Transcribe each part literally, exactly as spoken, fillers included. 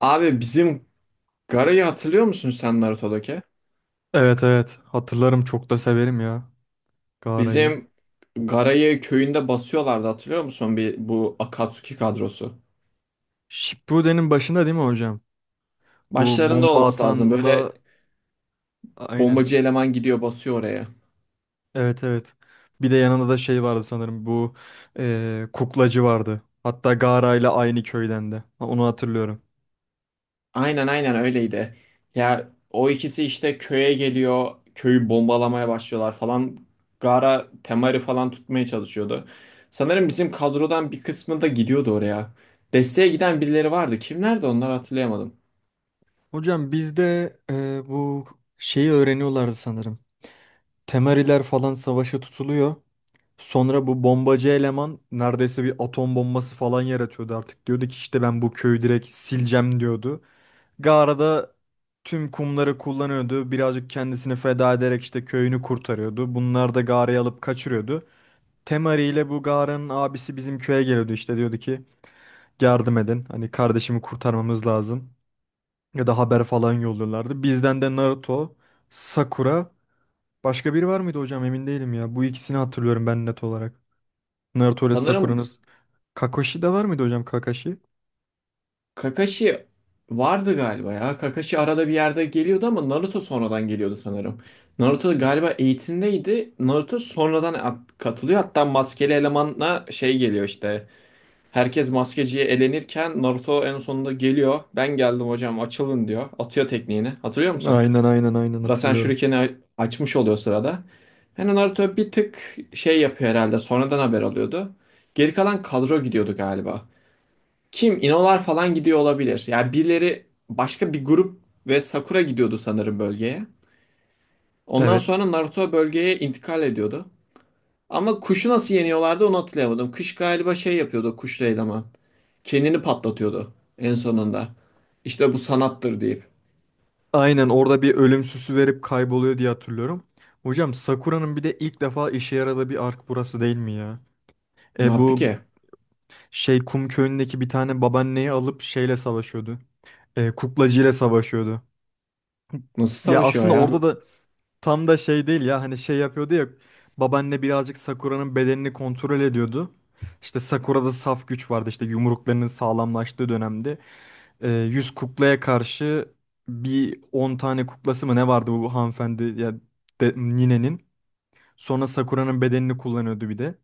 Abi bizim Gara'yı hatırlıyor musun sen Naruto'daki? Evet evet hatırlarım çok da severim ya Gaara'yı. Bizim Gara'yı köyünde basıyorlardı hatırlıyor musun bir bu Akatsuki kadrosu? Shippuden'in başında değil mi hocam? Bu Başlarında bomba olması lazım. Böyle atanla aynen. bombacı eleman gidiyor basıyor oraya. Evet evet. Bir de yanında da şey vardı sanırım bu eee, kuklacı vardı. Hatta Gaara ile aynı köyden de. Ha, onu hatırlıyorum. Aynen aynen öyleydi. Ya o ikisi işte köye geliyor. Köyü bombalamaya başlıyorlar falan. Gara Temari falan tutmaya çalışıyordu. Sanırım bizim kadrodan bir kısmı da gidiyordu oraya. Desteğe giden birileri vardı. Kimlerdi onlar hatırlayamadım. Hocam bizde eee, bu şeyi öğreniyorlardı sanırım. Temariler falan savaşa tutuluyor. Sonra bu bombacı eleman neredeyse bir atom bombası falan yaratıyordu artık. Diyordu ki işte ben bu köyü direkt sileceğim diyordu. Gara'da tüm kumları kullanıyordu. Birazcık kendisini feda ederek işte köyünü kurtarıyordu. Bunlar da Gara'yı alıp kaçırıyordu. Temari ile bu Gara'nın abisi bizim köye geliyordu işte diyordu ki yardım edin. Hani kardeşimi kurtarmamız lazım. Ya da haber falan yolluyorlardı. Bizden de Naruto, Sakura, başka biri var mıydı hocam emin değilim ya. Bu ikisini hatırlıyorum ben net olarak. Naruto ile Sanırım Sakura'nız. Kakashi de var mıydı hocam Kakashi? Kakashi vardı galiba ya. Kakashi arada bir yerde geliyordu ama Naruto sonradan geliyordu sanırım. Naruto galiba eğitimdeydi. Naruto sonradan at- katılıyor. Hatta maskeli elemanla şey geliyor işte. Herkes maskeciye elenirken Naruto en sonunda geliyor. Ben geldim hocam açılın diyor. Atıyor tekniğini. Hatırlıyor musun? Aynen aynen aynen Rasen hatırlıyorum. Shuriken'i a- açmış oluyor sırada. Yani Naruto bir tık şey yapıyor herhalde. Sonradan haber alıyordu. Geri kalan kadro gidiyordu galiba. Kim? İnolar falan gidiyor olabilir. Yani birileri başka bir grup ve Sakura gidiyordu sanırım bölgeye. Ondan Evet. sonra Naruto bölgeye intikal ediyordu. Ama kuşu nasıl yeniyorlardı onu hatırlayamadım. Kış galiba şey yapıyordu kuşlu eleman. Kendini patlatıyordu en sonunda. İşte bu sanattır deyip. Aynen orada bir ölüm verip kayboluyor diye hatırlıyorum. Hocam Sakura'nın bir de ilk defa işe yaradığı bir ark burası değil mi ya? Ne E yaptı bu ki? şey kum köyündeki bir tane babaanneyi alıp şeyle savaşıyordu. E, kuklacıyla savaşıyordu. Nasıl Ya savaşıyor aslında ya? orada da tam da şey değil ya hani şey yapıyordu ya babaanne birazcık Sakura'nın bedenini kontrol ediyordu. İşte Sakura'da saf güç vardı işte yumruklarının sağlamlaştığı dönemde. e, yüz kuklaya karşı bir on tane kuklası mı ne vardı bu hanımefendi ya de, ninenin. Sonra Sakura'nın bedenini kullanıyordu bir de.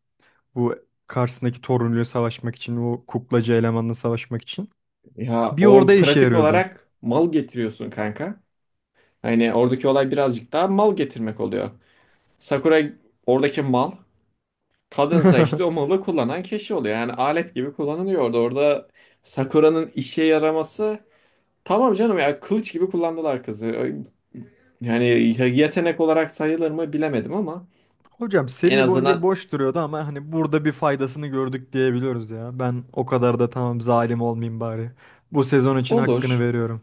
Bu karşısındaki torunuyla savaşmak için o kuklacı elemanla savaşmak için. Ya Bir orada o işe pratik yarıyordu. olarak mal getiriyorsun kanka. Hani oradaki olay birazcık daha mal getirmek oluyor. Sakura oradaki mal. Kadınsa işte o malı kullanan kişi oluyor. Yani alet gibi kullanılıyor orada. Orada Sakura'nın işe yaraması tamam canım ya kılıç gibi kullandılar kızı. Yani yetenek olarak sayılır mı bilemedim ama Hocam en seri boyunca azından boş duruyordu ama hani burada bir faydasını gördük diyebiliyoruz ya. Ben o kadar da tamam zalim olmayayım bari. Bu sezon için hakkını olur. veriyorum.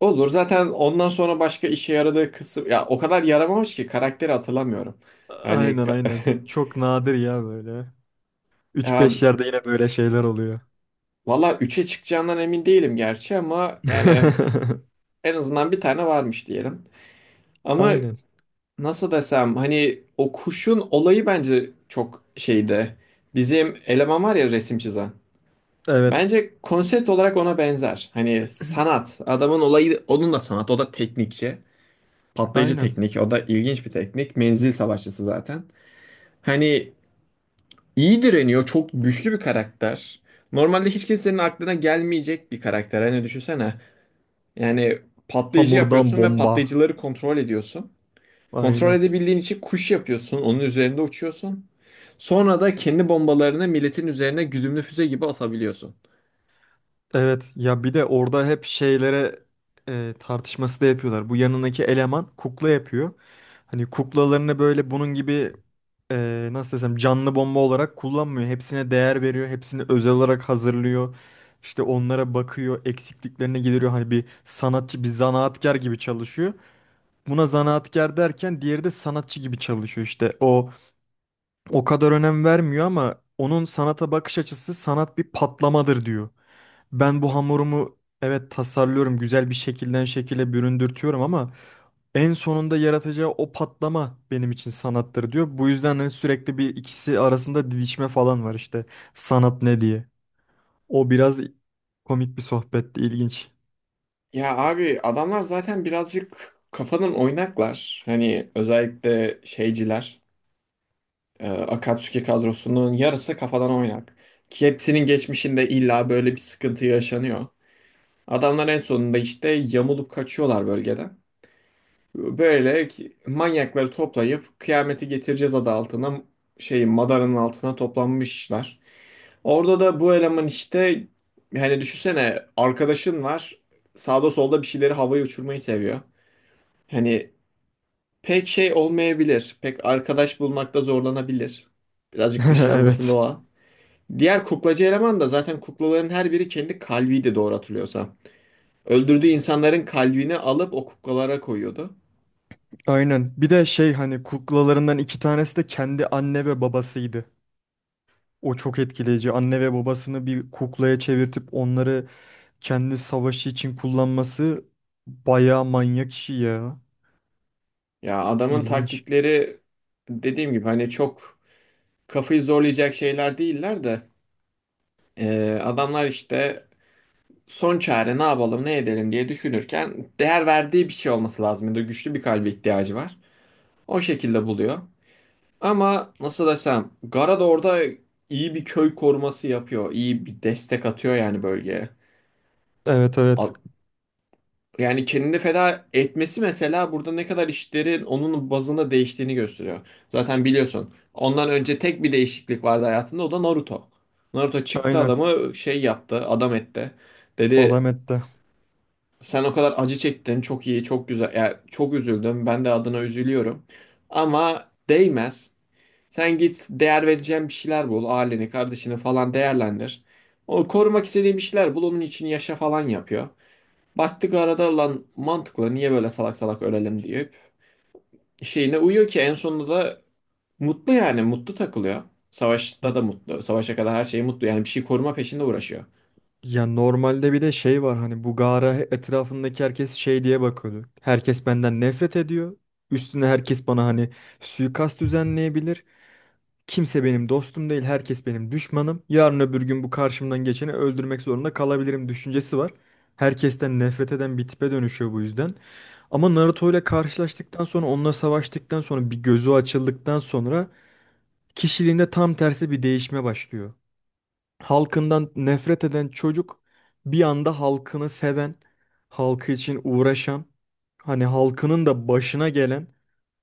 Olur. Zaten ondan sonra başka işe yaradığı kısım ya o kadar yaramamış ki karakteri hatırlamıyorum. Yani Aynen aynen. Çok nadir ya böyle. Üç ya, beş yerde yine böyle şeyler oluyor. valla üçe çıkacağından emin değilim gerçi ama yani en azından bir tane varmış diyelim. Ama Aynen. nasıl desem hani o kuşun olayı bence çok şeydi. Bizim eleman var ya resim çizen. Evet. Bence konsept olarak ona benzer. Hani sanat. Adamın olayı onun da sanat. O da teknikçi. Patlayıcı Aynen. teknik. O da ilginç bir teknik. Menzil savaşçısı zaten. Hani iyi direniyor. Çok güçlü bir karakter. Normalde hiç kimsenin aklına gelmeyecek bir karakter. Hani düşünsene. Yani patlayıcı Hamurdan yapıyorsun ve bomba. patlayıcıları kontrol ediyorsun. Kontrol Aynen. edebildiğin için kuş yapıyorsun. Onun üzerinde uçuyorsun. Sonra da kendi bombalarını milletin üzerine güdümlü füze gibi atabiliyorsun. Evet. Ya bir de orada hep şeylere e, tartışması da yapıyorlar. Bu yanındaki eleman kukla yapıyor. Hani kuklalarını böyle bunun gibi e, nasıl desem canlı bomba olarak kullanmıyor. Hepsine değer veriyor. Hepsini özel olarak hazırlıyor. İşte onlara bakıyor. Eksikliklerini gideriyor. Hani bir sanatçı, bir zanaatkar gibi çalışıyor. Buna zanaatkar derken diğeri de sanatçı gibi çalışıyor. İşte o o kadar önem vermiyor ama onun sanata bakış açısı sanat bir patlamadır diyor. Ben bu hamurumu evet tasarlıyorum, güzel bir şekilden şekile büründürtüyorum ama en sonunda yaratacağı o patlama benim için sanattır diyor. Bu yüzden hani sürekli bir ikisi arasında didişme falan var işte sanat ne diye. O biraz komik bir sohbetti, ilginç. Ya abi adamlar zaten birazcık kafadan oynaklar. Hani özellikle şeyciler, e, Akatsuki kadrosunun yarısı kafadan oynak. Ki hepsinin geçmişinde illa böyle bir sıkıntı yaşanıyor. Adamlar en sonunda işte yamulup kaçıyorlar bölgeden. Böyle ki- manyakları toplayıp kıyameti getireceğiz adı altına şeyin Madara'nın altına toplanmışlar. Orada da bu eleman işte hani düşünsene arkadaşın var sağda solda bir şeyleri havaya uçurmayı seviyor. Hani pek şey olmayabilir. Pek arkadaş bulmakta zorlanabilir. Birazcık dışlanması Evet. doğa. Diğer kuklacı eleman da zaten kuklaların her biri kendi kalbiydi doğru hatırlıyorsam. Öldürdüğü insanların kalbini alıp o kuklalara koyuyordu. Aynen. Bir de şey hani kuklalarından iki tanesi de kendi anne ve babasıydı. O çok etkileyici. Anne ve babasını bir kuklaya çevirtip onları kendi savaşı için kullanması bayağı manyak işi ya. Ya adamın İlginç. taktikleri dediğim gibi hani çok kafayı zorlayacak şeyler değiller de e, adamlar işte son çare ne yapalım ne edelim diye düşünürken değer verdiği bir şey olması lazım. Ya da güçlü bir kalbe ihtiyacı var. O şekilde buluyor. Ama nasıl desem Gara da orada iyi bir köy koruması yapıyor. İyi bir destek atıyor yani bölgeye. Evet evet. A- Yani kendini feda etmesi mesela burada ne kadar işlerin onun bazında değiştiğini gösteriyor. Zaten biliyorsun ondan önce tek bir değişiklik vardı hayatında, o da Naruto. Naruto çıktı Aynen. adamı şey yaptı adam etti. Dedi Alamet'te. sen o kadar acı çektin çok iyi çok güzel yani çok üzüldüm ben de adına üzülüyorum. Ama değmez. Sen git değer vereceğin bir şeyler bul aileni kardeşini falan değerlendir. O korumak istediğin bir şeyler bul onun için yaşa falan yapıyor. Baktık arada lan mantıklı niye böyle salak salak ölelim deyip şeyine uyuyor ki en sonunda da mutlu yani mutlu takılıyor. Ya Savaşta da mutlu. Savaşa kadar her şey mutlu. Yani bir şey koruma peşinde uğraşıyor. ya normalde bir de şey var hani bu Gara etrafındaki herkes şey diye bakıyordu. Herkes benden nefret ediyor. Üstüne herkes bana hani suikast düzenleyebilir. Kimse benim dostum değil, herkes benim düşmanım. Yarın öbür gün bu karşımdan geçeni öldürmek zorunda kalabilirim düşüncesi var. Herkesten nefret eden bir tipe dönüşüyor bu yüzden. Ama Naruto ile karşılaştıktan sonra, onunla savaştıktan sonra, bir gözü açıldıktan sonra kişiliğinde tam tersi bir değişme başlıyor. Halkından nefret eden çocuk bir anda halkını seven, halkı için uğraşan, hani halkının da başına gelen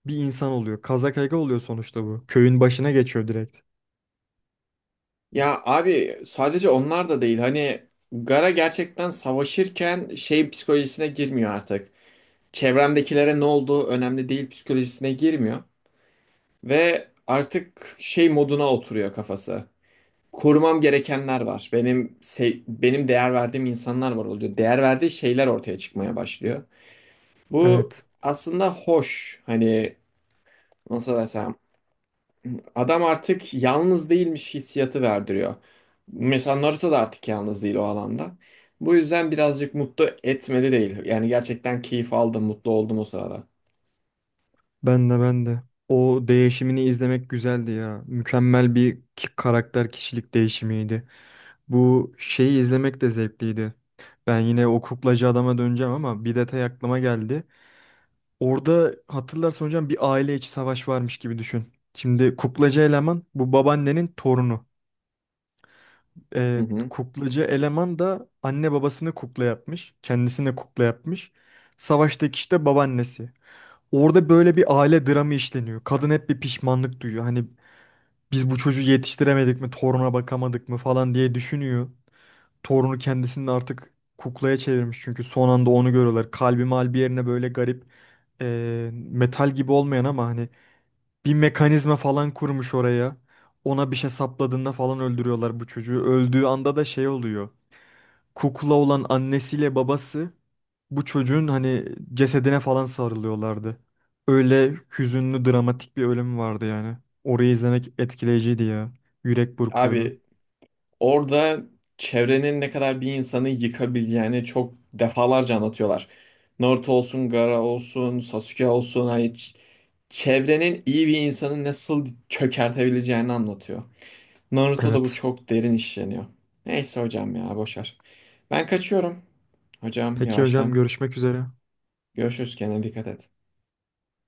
bir insan oluyor. Kazakage oluyor sonuçta bu. Köyün başına geçiyor direkt. Ya abi sadece onlar da değil. Hani Gara gerçekten savaşırken şey psikolojisine girmiyor artık. Çevremdekilere ne olduğu önemli değil psikolojisine girmiyor. Ve artık şey moduna oturuyor kafası. Korumam gerekenler var. Benim se- benim değer verdiğim insanlar var oluyor. Değer verdiği şeyler ortaya çıkmaya başlıyor. Bu Evet. aslında hoş. Hani nasıl desem adam artık yalnız değilmiş hissiyatı verdiriyor. Mesela Naruto da artık yalnız değil o alanda. Bu yüzden birazcık mutlu etmedi değil. Yani gerçekten keyif aldım, mutlu oldum o sırada. Ben de ben de. O değişimini izlemek güzeldi ya. Mükemmel bir ki- karakter kişilik değişimiydi. Bu şeyi izlemek de zevkliydi. Ben yine o kuklacı adama döneceğim ama bir detay aklıma geldi. Orada hatırlarsan hocam bir aile içi savaş varmış gibi düşün. Şimdi kuklacı eleman bu babaannenin torunu. Hı Ee, hı. Kuklacı eleman da anne babasını kukla yapmış. Kendisini kukla yapmış. Savaştaki işte babaannesi. Orada böyle bir aile dramı işleniyor. Kadın hep bir pişmanlık duyuyor. Hani biz bu çocuğu yetiştiremedik mi, toruna bakamadık mı falan diye düşünüyor. Torunu kendisini artık kuklaya çevirmiş çünkü son anda onu görüyorlar. Kalbi malbi yerine böyle garip e, metal gibi olmayan ama hani bir mekanizma falan kurmuş oraya. Ona bir şey sapladığında falan öldürüyorlar bu çocuğu. Öldüğü anda da şey oluyor. Kukla olan annesiyle babası bu çocuğun hani cesedine falan sarılıyorlardı. Öyle hüzünlü dramatik bir ölüm vardı yani. Orayı izlemek etkileyiciydi ya. Yürek burkuyordu. Abi orada çevrenin ne kadar bir insanı yıkabileceğini çok defalarca anlatıyorlar. Naruto olsun, Gaara olsun, Sasuke olsun, hani ç- çevrenin iyi bir insanı nasıl çökertebileceğini anlatıyor. Naruto'da bu Evet. çok derin işleniyor. Neyse hocam ya boş ver. Ben kaçıyorum. Hocam Peki hocam yavaştan. görüşmek üzere. Görüşürüz, kendine dikkat et.